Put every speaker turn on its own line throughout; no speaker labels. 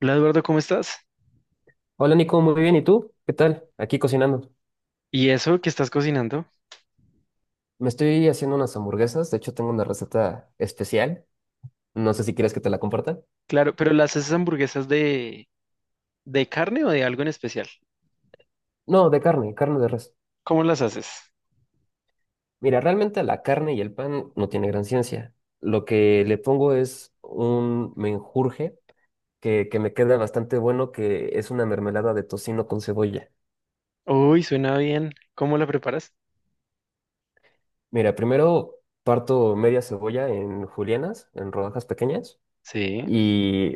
Hola Eduardo, ¿cómo estás?
Hola Nico, muy bien. ¿Y tú? ¿Qué tal? Aquí cocinando.
¿Y eso que estás cocinando?
Me estoy haciendo unas hamburguesas. De hecho, tengo una receta especial. No sé si quieres que te la comparta.
Claro, pero ¿las haces hamburguesas de carne o de algo en especial?
No, de carne, carne de res.
¿Cómo las haces?
Mira, realmente la carne y el pan no tiene gran ciencia. Lo que le pongo es un menjurje que me queda bastante bueno, que es una mermelada de tocino con cebolla.
Uy, suena bien. ¿Cómo la preparas?
Mira, primero parto media cebolla en julianas, en rodajas pequeñas,
Sí.
y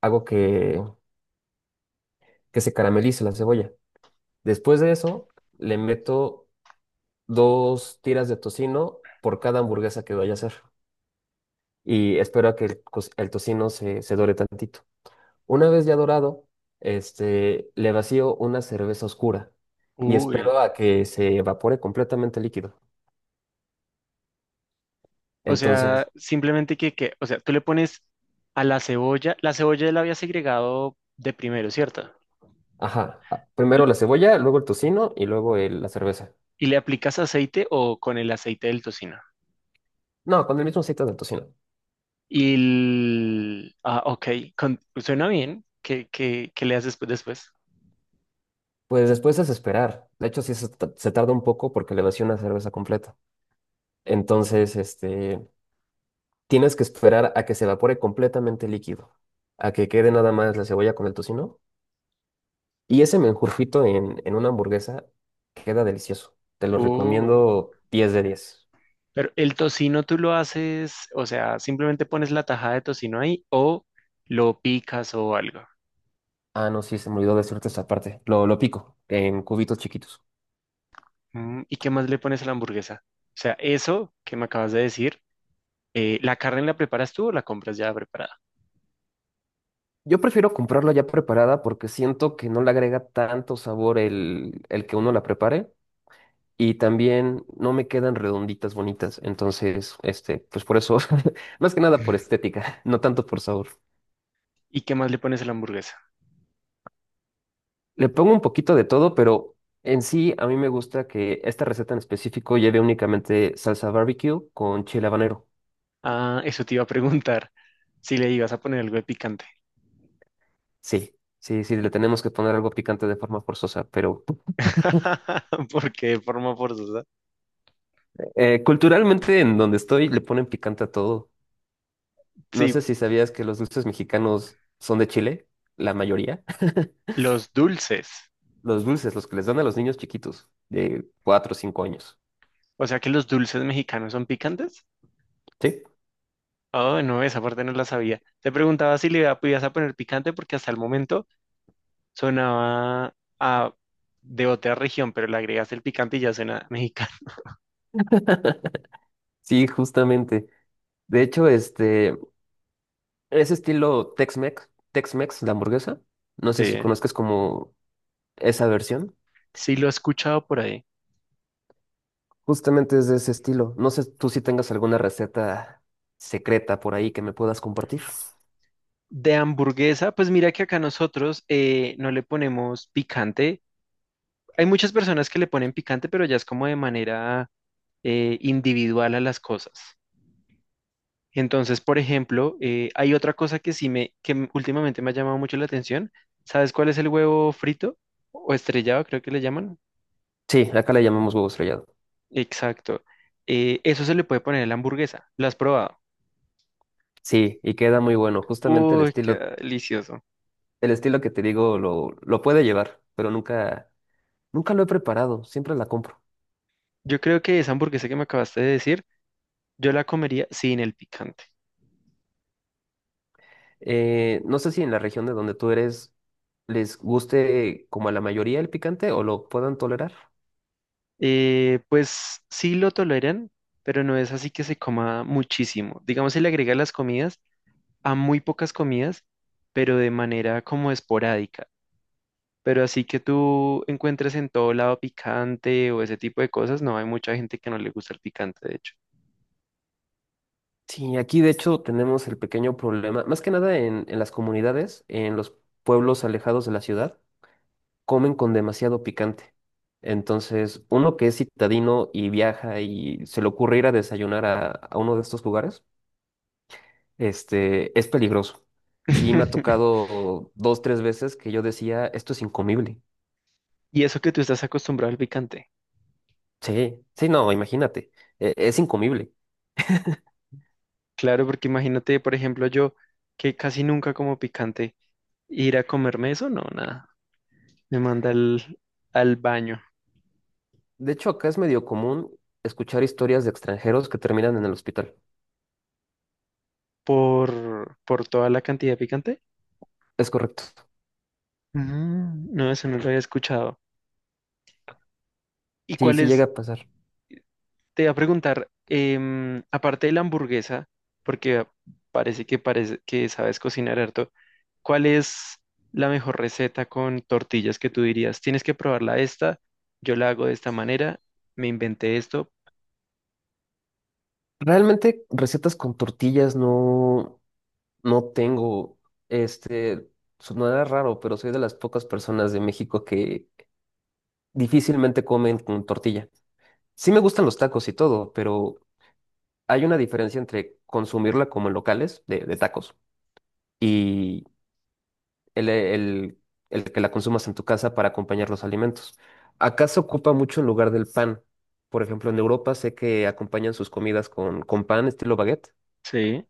hago que se caramelice la cebolla. Después de eso, le meto dos tiras de tocino por cada hamburguesa que vaya a hacer. Y espero a que el tocino se dore tantito. Una vez ya dorado, le vacío una cerveza oscura y
Uy.
espero a que se evapore completamente el líquido.
O sea,
Entonces,
simplemente, tú le pones a la cebolla, la cebolla la había segregado de primero, ¿cierto?
ajá,
L-
primero la cebolla, luego el tocino y luego la cerveza.
¿Y le aplicas aceite o con el aceite del tocino?
No, con el mismo aceite del tocino.
Ah, ok, suena bien. ¿Qué le haces después?
Pues después es esperar. De hecho, sí, se tarda un poco porque le vacío una cerveza completa. Entonces, tienes que esperar a que se evapore completamente el líquido, a que quede nada más la cebolla con el tocino. Y ese menjurfito en una hamburguesa queda delicioso. Te lo
Uy.
recomiendo 10 de 10.
Pero el tocino tú lo haces, o sea, simplemente pones la tajada de tocino ahí o lo picas o algo.
Ah, no, sí, se me olvidó decirte esta parte. Lo pico en cubitos chiquitos.
Mm, ¿y qué más le pones a la hamburguesa? O sea, eso que me acabas de decir, ¿la carne la preparas tú o la compras ya preparada?
Yo prefiero comprarla ya preparada porque siento que no le agrega tanto sabor el que uno la prepare. Y también no me quedan redonditas bonitas. Entonces, pues por eso, más que nada por estética, no tanto por sabor.
¿Y qué más le pones a la hamburguesa?
Le pongo un poquito de todo, pero en sí a mí me gusta que esta receta en específico lleve únicamente salsa barbecue con chile habanero.
Ah, eso te iba a preguntar si le ibas a poner algo de picante.
Sí, sí, sí, le tenemos que poner algo picante de forma forzosa, pero
Porque de forma forzosa.
culturalmente en donde estoy le ponen picante a todo. No
Sí,
sé si sabías que los dulces mexicanos son de Chile, la mayoría.
los dulces.
Los dulces, los que les dan a los niños chiquitos de 4 o 5 años.
O sea que los dulces mexicanos son picantes.
Sí,
Oh, no, esa parte no la sabía. Te preguntaba si le podías a poner picante porque hasta el momento sonaba a, de otra región, pero le agregas el picante y ya suena mexicano.
sí, justamente. De hecho, es estilo Tex-Mex, Tex-Mex, la hamburguesa. No
Sí,
sé si conozcas como esa versión.
sí lo he escuchado por ahí.
Justamente es de ese estilo. No sé tú si tengas alguna receta secreta por ahí que me puedas compartir.
De hamburguesa, pues mira que acá nosotros no le ponemos picante. Hay muchas personas que le ponen picante, pero ya es como de manera individual a las cosas. Entonces, por ejemplo, hay otra cosa que sí me, que últimamente me ha llamado mucho la atención. ¿Sabes cuál es el huevo frito o estrellado, creo que le llaman?
Sí, acá le llamamos huevo estrellado.
Exacto. Eso se le puede poner a la hamburguesa. ¿Lo has probado?
Sí, y queda muy bueno. Justamente el
Uy, qué
estilo,
delicioso.
el estilo que te digo lo puede llevar, pero nunca, nunca lo he preparado. Siempre la compro.
Yo creo que esa hamburguesa que me acabaste de decir, yo la comería sin el picante.
No sé si en la región de donde tú eres les guste como a la mayoría el picante o lo puedan tolerar.
Pues sí lo toleran, pero no es así que se coma muchísimo. Digamos, se le agrega a las comidas, a muy pocas comidas, pero de manera como esporádica. Pero así que tú encuentres en todo lado picante o ese tipo de cosas, no hay mucha gente que no le gusta el picante, de hecho.
Sí, aquí de hecho tenemos el pequeño problema, más que nada en las comunidades, en los pueblos alejados de la ciudad, comen con demasiado picante. Entonces, uno que es citadino y viaja y se le ocurre ir a desayunar a uno de estos lugares, es peligroso. Sí, me ha tocado dos, tres veces que yo decía, esto es incomible.
Y eso que tú estás acostumbrado al picante.
Sí, sí, no, imagínate, es incomible.
Claro, porque imagínate, por ejemplo, yo que casi nunca como picante, ir a comerme eso, no, nada. Me manda al, al baño
De hecho, acá es medio común escuchar historias de extranjeros que terminan en el hospital.
por toda la cantidad de picante.
Es correcto.
Mm, no, eso no lo había escuchado. ¿Y
Sí,
cuál
sí
es
llega a pasar.
Te iba a preguntar, em, aparte de la hamburguesa, porque parece que sabes cocinar harto, ¿cuál es la mejor receta con tortillas que tú dirías? Tienes que probarla esta, yo la hago de esta manera, me inventé esto.
Realmente recetas con tortillas no tengo. Este, Sonará raro, pero soy de las pocas personas de México que difícilmente comen con tortilla. Sí me gustan los tacos y todo, pero hay una diferencia entre consumirla como en locales de tacos y el, el, el que la consumas en tu casa para acompañar los alimentos. Acá se ocupa mucho en lugar del pan. Por ejemplo, en Europa sé que acompañan sus comidas con pan estilo baguette.
Sí.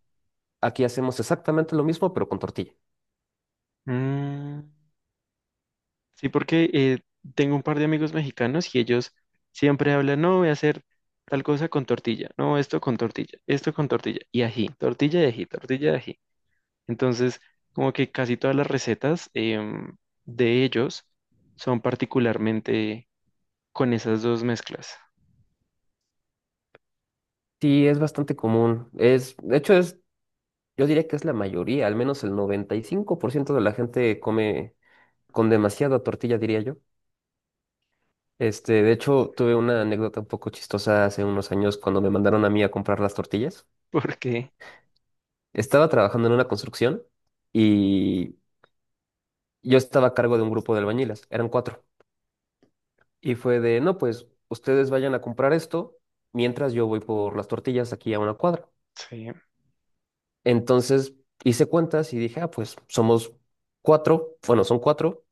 Aquí hacemos exactamente lo mismo, pero con tortilla.
Mm, sí, porque tengo un par de amigos mexicanos y ellos siempre hablan, no, voy a hacer tal cosa con tortilla, no, esto con tortilla y ají, tortilla de ají, tortilla de ají. Entonces, como que casi todas las recetas de ellos son particularmente con esas dos mezclas,
Sí, es bastante común. De hecho, es, yo diría que es la mayoría, al menos el 95% de la gente come con demasiada tortilla, diría yo. De hecho, tuve una anécdota un poco chistosa hace unos años cuando me mandaron a mí a comprar las tortillas.
porque
Estaba trabajando en una construcción y yo estaba a cargo de un grupo de albañiles, eran cuatro. Y fue de, no, pues ustedes vayan a comprar esto mientras yo voy por las tortillas aquí a una cuadra.
sí.
Entonces hice cuentas y dije, ah, pues somos cuatro, bueno, son cuatro,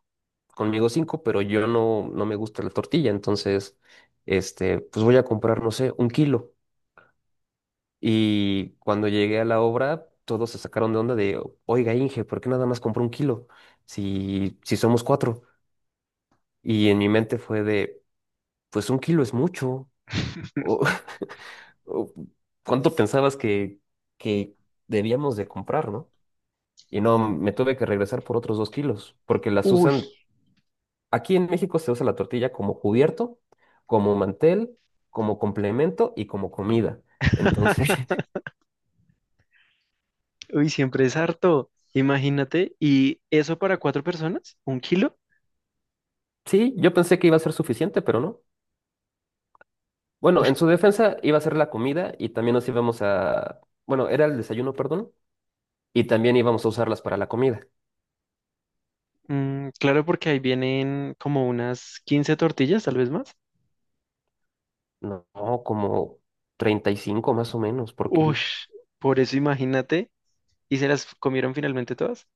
conmigo cinco, pero yo no me gusta la tortilla, entonces, pues voy a comprar, no sé, 1 kilo. Y cuando llegué a la obra, todos se sacaron de onda de, oiga, Inge, ¿por qué nada más compró un kilo? Si, si somos cuatro. Y en mi mente fue de, pues un kilo es mucho. O, o, ¿cuánto pensabas que debíamos de comprar, no? Y no, me tuve que regresar por otros 2 kilos, porque las
Uy,
usan, aquí en México se usa la tortilla como cubierto, como mantel, como complemento y como comida. Entonces,
uy, siempre es harto. Imagínate, ¿y eso para 4 personas? ¿1 kilo?
sí, yo pensé que iba a ser suficiente, pero no. Bueno,
Uy,
en su defensa iba a ser la comida y también nos íbamos a, bueno, era el desayuno, perdón, y también íbamos a usarlas para la comida.
mm, claro, porque ahí vienen como unas 15 tortillas, tal vez más.
No, como 35 más o menos por
Uy,
kilo.
por eso imagínate, ¿y se las comieron finalmente todas?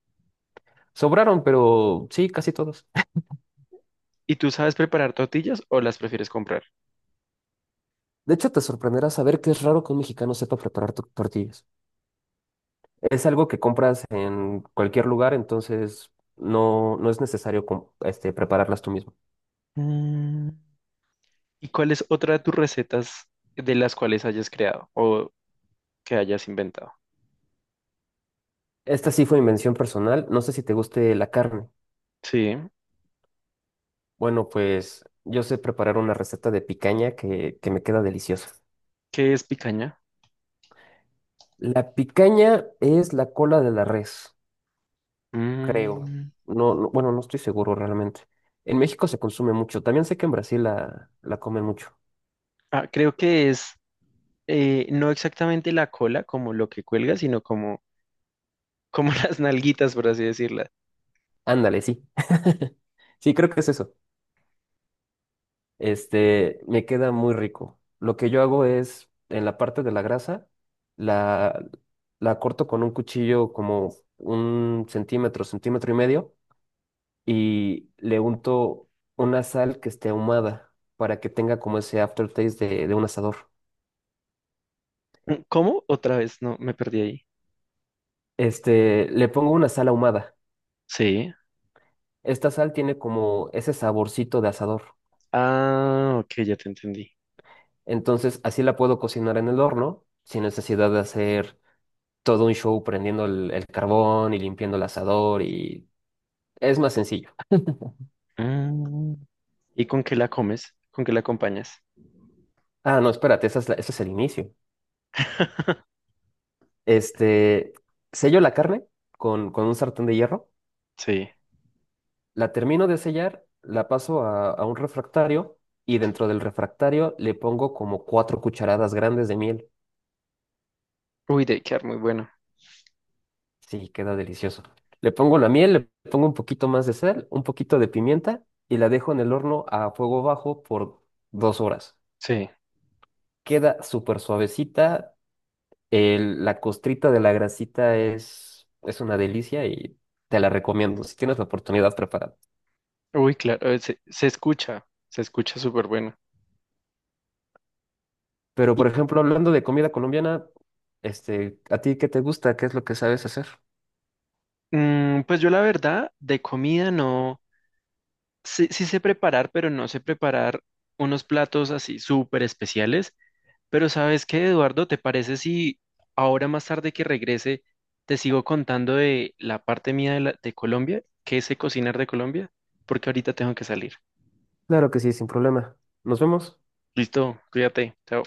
Sobraron, pero sí, casi todos.
¿Y tú sabes preparar tortillas o las prefieres comprar?
De hecho, te sorprenderá saber que es raro que un mexicano sepa preparar tortillas. Es algo que compras en cualquier lugar, entonces no es necesario prepararlas tú mismo.
Mm. ¿Y cuál es otra de tus recetas de las cuales hayas creado o que hayas inventado?
Esta sí fue invención personal. No sé si te guste la carne.
Sí.
Bueno, pues yo sé preparar una receta de picaña que me queda deliciosa.
¿Qué es picaña?
La picaña es la cola de la res, creo.
Mm,
No, bueno, no estoy seguro realmente. En México se consume mucho. También sé que en Brasil la comen mucho.
ah, creo que es no exactamente la cola como lo que cuelga, sino como, como las nalguitas, por así decirlas.
Ándale, sí. Sí, creo que es eso. Me queda muy rico. Lo que yo hago es, en la parte de la grasa, la, la corto con un cuchillo como un centímetro, centímetro y medio, y le unto una sal que esté ahumada para que tenga como ese aftertaste de un asador.
¿Cómo? Otra vez, no, me perdí ahí.
Le pongo una sal ahumada.
Sí.
Esta sal tiene como ese saborcito de asador.
Ah, ok, ya te entendí.
Entonces, así la puedo cocinar en el horno sin necesidad de hacer todo un show prendiendo el carbón y limpiando el asador y es más sencillo.
Mm, ¿y con qué la comes? ¿Con qué la acompañas?
Ah, no, espérate, esa es ese es el inicio. Este, Sello la carne con un sartén de hierro,
Sí.
la termino de sellar, la paso a un refractario y dentro del refractario le pongo como 4 cucharadas grandes de miel.
Uy, debe quedar muy bueno.
Sí, queda delicioso. Le pongo la miel, le pongo un poquito más de sal, un poquito de pimienta y la dejo en el horno a fuego bajo por 2 horas.
Sí.
Queda súper suavecita, la costrita de la grasita es una delicia y te la recomiendo si tienes la oportunidad preparada.
Uy, claro, se escucha súper bueno.
Pero, por
Y,
ejemplo, hablando de comida colombiana, ¿a ti qué te gusta? ¿Qué es lo que sabes hacer?
mm, pues yo la verdad, de comida no, sí, sí sé preparar, pero no sé preparar unos platos así súper especiales. Pero ¿sabes qué, Eduardo? ¿Te parece si ahora más tarde que regrese te sigo contando de la parte mía de, de Colombia, qué sé cocinar de Colombia? Porque ahorita tengo que salir.
Claro que sí, sin problema. Nos vemos.
Listo, cuídate, chao.